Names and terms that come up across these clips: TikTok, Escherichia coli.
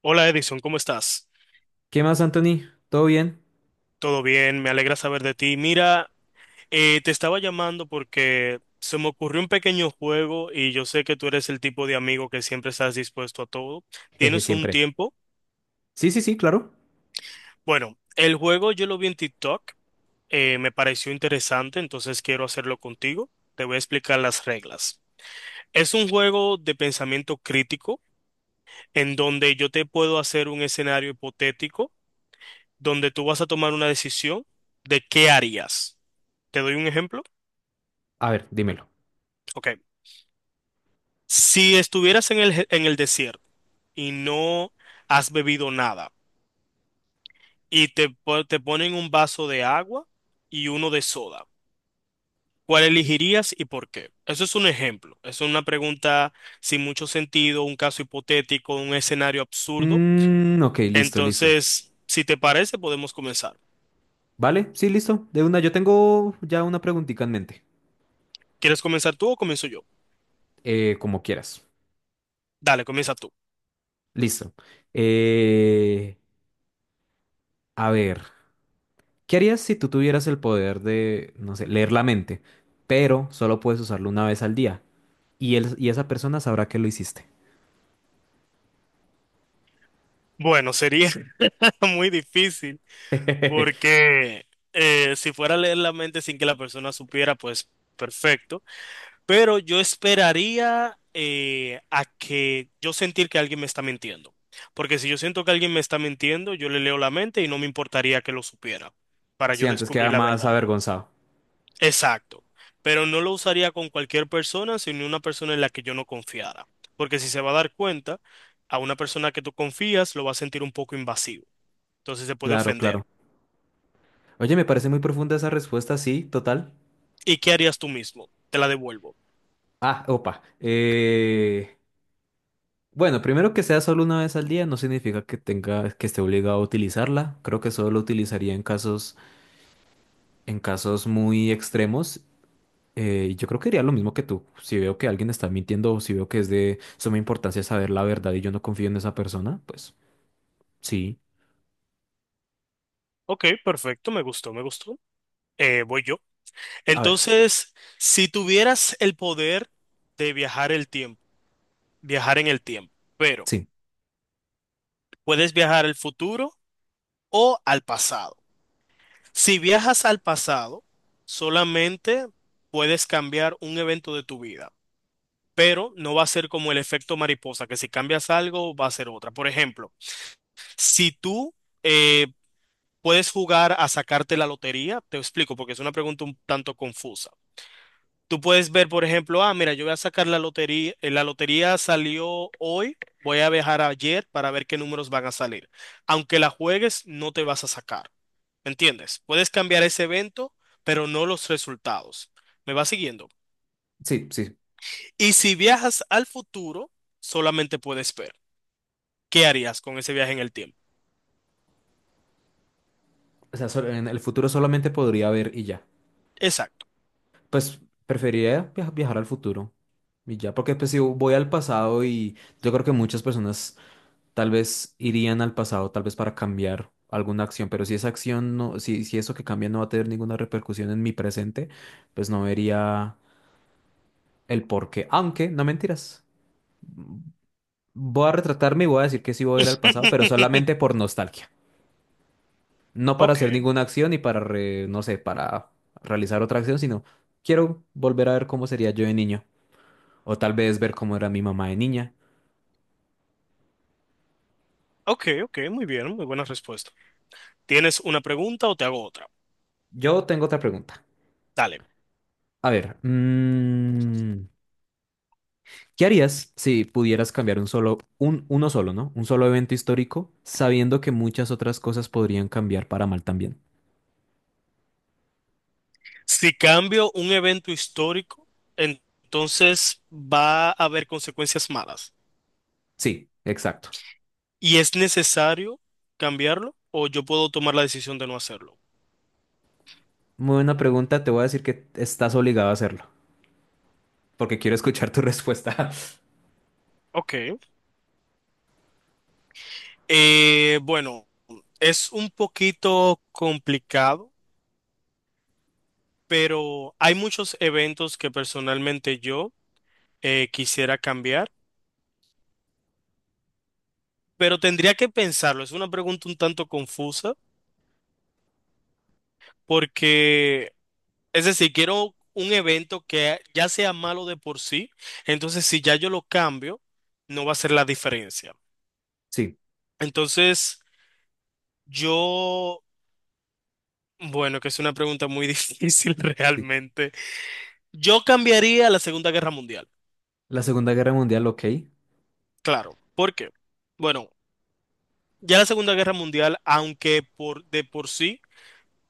Hola Edison, ¿cómo estás? ¿Qué más, Anthony? ¿Todo bien? Todo bien, me alegra saber de ti. Mira, te estaba llamando porque se me ocurrió un pequeño juego y yo sé que tú eres el tipo de amigo que siempre estás dispuesto a todo. Jeje, ¿Tienes un siempre. tiempo? Sí, sí, sí, claro. Bueno, el juego yo lo vi en TikTok. Me pareció interesante, entonces quiero hacerlo contigo. Te voy a explicar las reglas. Es un juego de pensamiento crítico en donde yo te puedo hacer un escenario hipotético donde tú vas a tomar una decisión de qué harías. ¿Te doy un ejemplo? A ver, dímelo. Ok. Si estuvieras en el, en el desierto y no has bebido nada y te, te ponen un vaso de agua y uno de soda, ¿cuál elegirías y por qué? Eso es un ejemplo. Es una pregunta sin mucho sentido, un caso hipotético, un escenario absurdo. Mm, ok, listo, listo. Entonces, si te parece, podemos comenzar. ¿Vale? Sí, listo. De una, yo tengo ya una preguntita en mente. ¿Quieres comenzar tú o comienzo yo? Como quieras. Dale, comienza tú. Listo. Eh, a ver, ¿qué harías si tú tuvieras el poder de, no sé, leer la mente, pero solo puedes usarlo una vez al día? Y esa persona sabrá que lo hiciste. Bueno, sería muy difícil porque si fuera a leer la mente sin que la persona supiera, pues perfecto. Pero yo esperaría a que yo sentir que alguien me está mintiendo. Porque si yo siento que alguien me está mintiendo, yo le leo la mente y no me importaría que lo supiera para Sí, yo antes queda descubrir la más verdad. avergonzado. Exacto. Pero no lo usaría con cualquier persona, sino una persona en la que yo no confiara. Porque si se va a dar cuenta, a una persona que tú confías lo va a sentir un poco invasivo. Entonces se puede Claro, ofender. claro. Oye, me parece muy profunda esa respuesta, sí, total. ¿Y qué harías tú mismo? Te la devuelvo. Ah, opa. Bueno, primero que sea solo una vez al día no significa que tenga, que esté obligado a utilizarla. Creo que solo lo utilizaría en casos muy extremos. Y yo creo que haría lo mismo que tú. Si veo que alguien está mintiendo o si veo que es de suma importancia saber la verdad y yo no confío en esa persona, pues sí. Ok, perfecto, me gustó, me gustó. Voy yo. A ver, Entonces, si tuvieras el poder de viajar en el tiempo, pero sí, puedes viajar al futuro o al pasado. Si viajas al pasado, solamente puedes cambiar un evento de tu vida, pero no va a ser como el efecto mariposa, que si cambias algo va a ser otra. Por ejemplo, si tú eh, puedes jugar a sacarte la lotería, te explico porque es una pregunta un tanto confusa. Tú puedes ver, por ejemplo, ah, mira, yo voy a sacar la lotería salió hoy, voy a viajar ayer para ver qué números van a salir. Aunque la juegues, no te vas a sacar, ¿me entiendes? Puedes cambiar ese evento, pero no los resultados. ¿Me vas siguiendo? sí, sí. Y si viajas al futuro, solamente puedes ver. ¿Qué harías con ese viaje en el tiempo? O sea, en el futuro solamente podría ver y ya. Exacto. Pues preferiría viajar al futuro y ya, porque pues si voy al pasado y yo creo que muchas personas tal vez irían al pasado, tal vez para cambiar alguna acción, pero si esa acción no, si eso que cambia no va a tener ninguna repercusión en mi presente, pues no vería el porqué. Aunque, no mentiras, voy a retratarme y voy a decir que sí voy a ir al pasado, pero solamente por nostalgia. No para Ok, hacer ninguna acción y para, no sé, para realizar otra acción, sino quiero volver a ver cómo sería yo de niño, o tal vez ver cómo era mi mamá de niña. ok, ok, muy bien, muy buena respuesta. ¿Tienes una pregunta o te hago otra? Yo tengo otra pregunta. Dale. A ver, mm, ¿qué harías si pudieras cambiar uno solo, ¿no? Un solo evento histórico, sabiendo que muchas otras cosas podrían cambiar para mal también? Si cambio un evento histórico, entonces va a haber consecuencias malas. Sí, exacto. ¿Y es necesario cambiarlo o yo puedo tomar la decisión de no hacerlo? Muy buena pregunta, te voy a decir que estás obligado a hacerlo, porque quiero escuchar tu respuesta. Ok. Bueno, es un poquito complicado, pero hay muchos eventos que personalmente yo quisiera cambiar, pero tendría que pensarlo. Es una pregunta un tanto confusa porque, es decir, quiero un evento que ya sea malo de por sí, entonces si ya yo lo cambio, no va a ser la diferencia. Sí, Entonces, yo, bueno, que es una pregunta muy difícil sí. realmente. Yo cambiaría la Segunda Guerra Mundial, La Segunda Guerra Mundial, ok. claro. ¿Por qué? Bueno, ya la Segunda Guerra Mundial, aunque por de por sí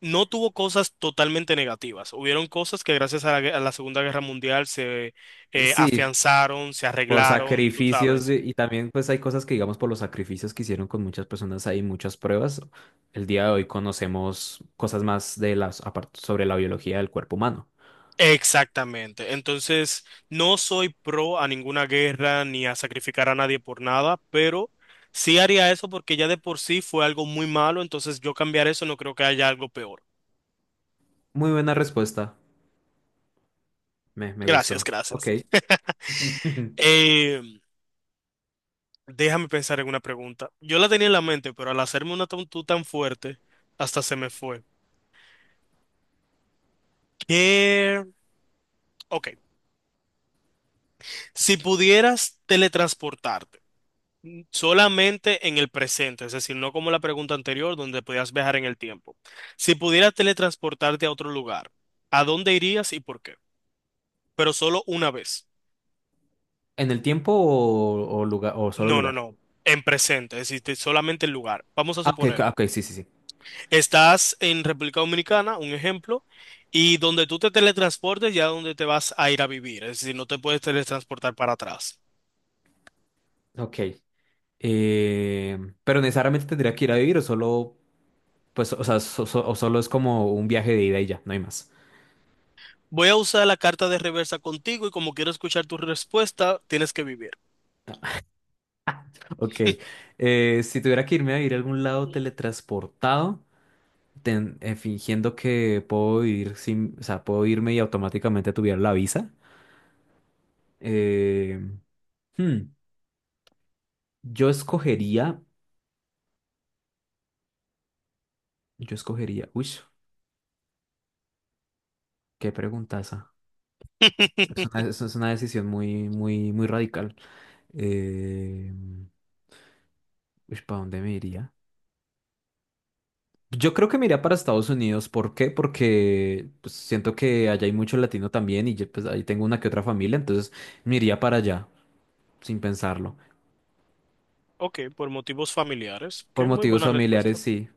no tuvo cosas totalmente negativas, hubieron cosas que gracias a la, a la Segunda Guerra Mundial se Sí, afianzaron, se por arreglaron, tú sabes. Y también pues hay cosas que digamos por los sacrificios que hicieron con muchas personas, hay muchas pruebas. El día de hoy conocemos cosas más de las sobre la biología del cuerpo humano. Exactamente. Entonces, no soy pro a ninguna guerra ni a sacrificar a nadie por nada, pero sí haría eso porque ya de por sí fue algo muy malo, entonces yo cambiar eso no creo que haya algo peor. Muy buena respuesta. Me Gracias, gustó. Ok. gracias. ¿En Eh, Déjame pensar en una pregunta. Yo la tenía en la mente, pero al hacerme una tú tan fuerte, hasta se me fue. ¿Qué? Ok. Si pudieras teletransportarte solamente en el presente, es decir, no como la pregunta anterior donde podías viajar en el tiempo. Si pudieras teletransportarte a otro lugar, ¿a dónde irías y por qué? Pero solo una vez. el tiempo o lugar o solo No, no, lugar? no. En presente, es decir, solamente el lugar. Vamos a Ah, ok, ok, suponer, ok, sí, sí, sí. estás en República Dominicana, un ejemplo, y donde tú te teletransportes ya donde te vas a ir a vivir, es decir, no te puedes teletransportar para atrás. Ok. Eh, pero necesariamente tendría que ir a vivir o solo, pues, o sea, o solo es como un viaje de ida y ya, no hay más. Voy a usar la carta de reversa contigo y como quiero escuchar tu respuesta, tienes que vivir. Ok. Si tuviera que irme a vivir a algún lado teletransportado, fingiendo que puedo vivir sin, o sea, puedo irme y automáticamente tuviera la visa. Eh, hmm, yo escogería, yo escogería, uy, qué preguntaza. Es una decisión muy, muy, muy radical. Eh, ¿Para dónde me iría? Yo creo que me iría para Estados Unidos. ¿Por qué? Porque pues, siento que allá hay mucho latino también y yo, pues, ahí tengo una que otra familia, entonces me iría para allá, sin pensarlo. Ok, por motivos familiares. Por Ok, muy motivos buena respuesta. familiares, sí.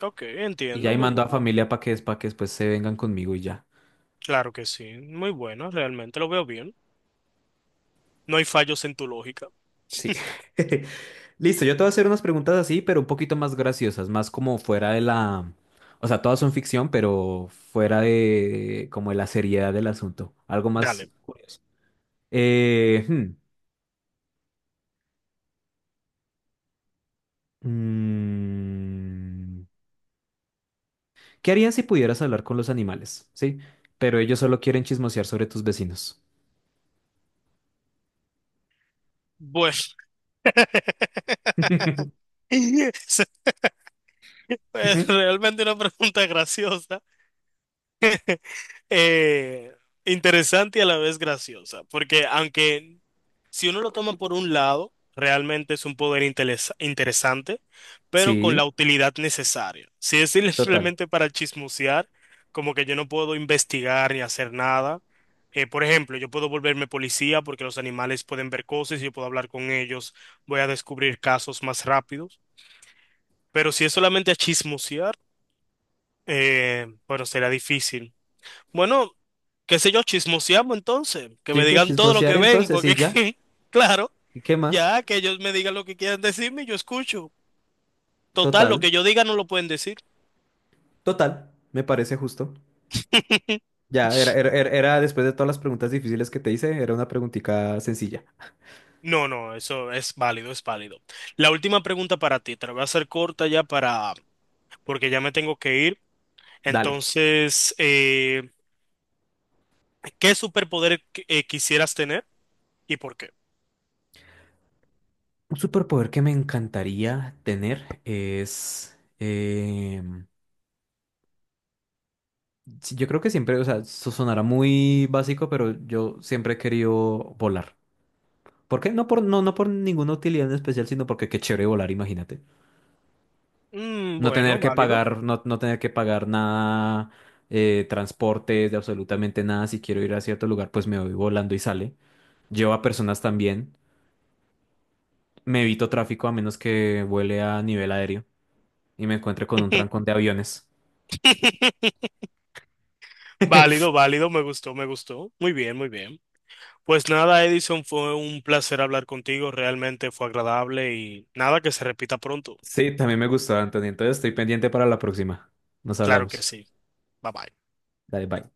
Ok, Y ya entiendo, ahí muy mando a bueno. familia para que después se vengan conmigo y ya. Claro que sí, muy bueno, realmente lo veo bien. No hay fallos en tu lógica. Sí. Listo, yo te voy a hacer unas preguntas así, pero un poquito más graciosas, más como fuera de la... O sea, todas son ficción, pero fuera de como de la seriedad del asunto. Algo más Dale. curioso. Eh, hmm, mm, ¿Qué harías si pudieras hablar con los animales? Sí, pero ellos solo quieren chismosear sobre tus vecinos. Bueno. Es realmente una pregunta graciosa. eh, Interesante y a la vez graciosa, porque aunque si uno lo toma por un lado, realmente es un poder interesante, pero con Sí, la utilidad necesaria. Si es total. simplemente para chismosear, como que yo no puedo investigar ni hacer nada. Por ejemplo, yo puedo volverme policía porque los animales pueden ver cosas y yo puedo hablar con ellos, voy a descubrir casos más rápidos. Pero si es solamente a chismosear, bueno, será difícil. Bueno, qué sé yo, chismoseamos entonces, que Sí, me pues digan todo lo chismosear que ven, entonces porque y es ya. que, claro, ¿Y qué más? ya que ellos me digan lo que quieran decirme, yo escucho. Total, lo Total, que yo diga no lo pueden decir. total, me parece justo. Ya, era después de todas las preguntas difíciles que te hice, era una preguntica sencilla. No, no, eso es válido, es válido. La última pregunta para ti, te la voy a hacer corta ya para, porque ya me tengo que ir. Dale. Entonces, ¿qué superpoder quisieras tener y por qué? Un superpoder que me encantaría tener es... sí, yo creo que siempre, o sea, sonará muy básico, pero yo siempre he querido volar. ¿Por qué? No por ninguna utilidad en especial, sino porque qué chévere volar, imagínate. Mm, bueno, válido. No tener que pagar nada, transportes, de absolutamente nada. Si quiero ir a cierto lugar, pues me voy volando y sale. Llevo a personas también. Me evito tráfico a menos que vuele a nivel aéreo y me encuentre con un trancón de aviones. Válido, válido, me gustó, me gustó. Muy bien, muy bien. Pues nada, Edison, fue un placer hablar contigo, realmente fue agradable y nada que se repita pronto. Sí, también me gustó, Anthony. Entonces estoy pendiente para la próxima. Nos Claro que hablamos. sí. Bye bye. Dale, bye.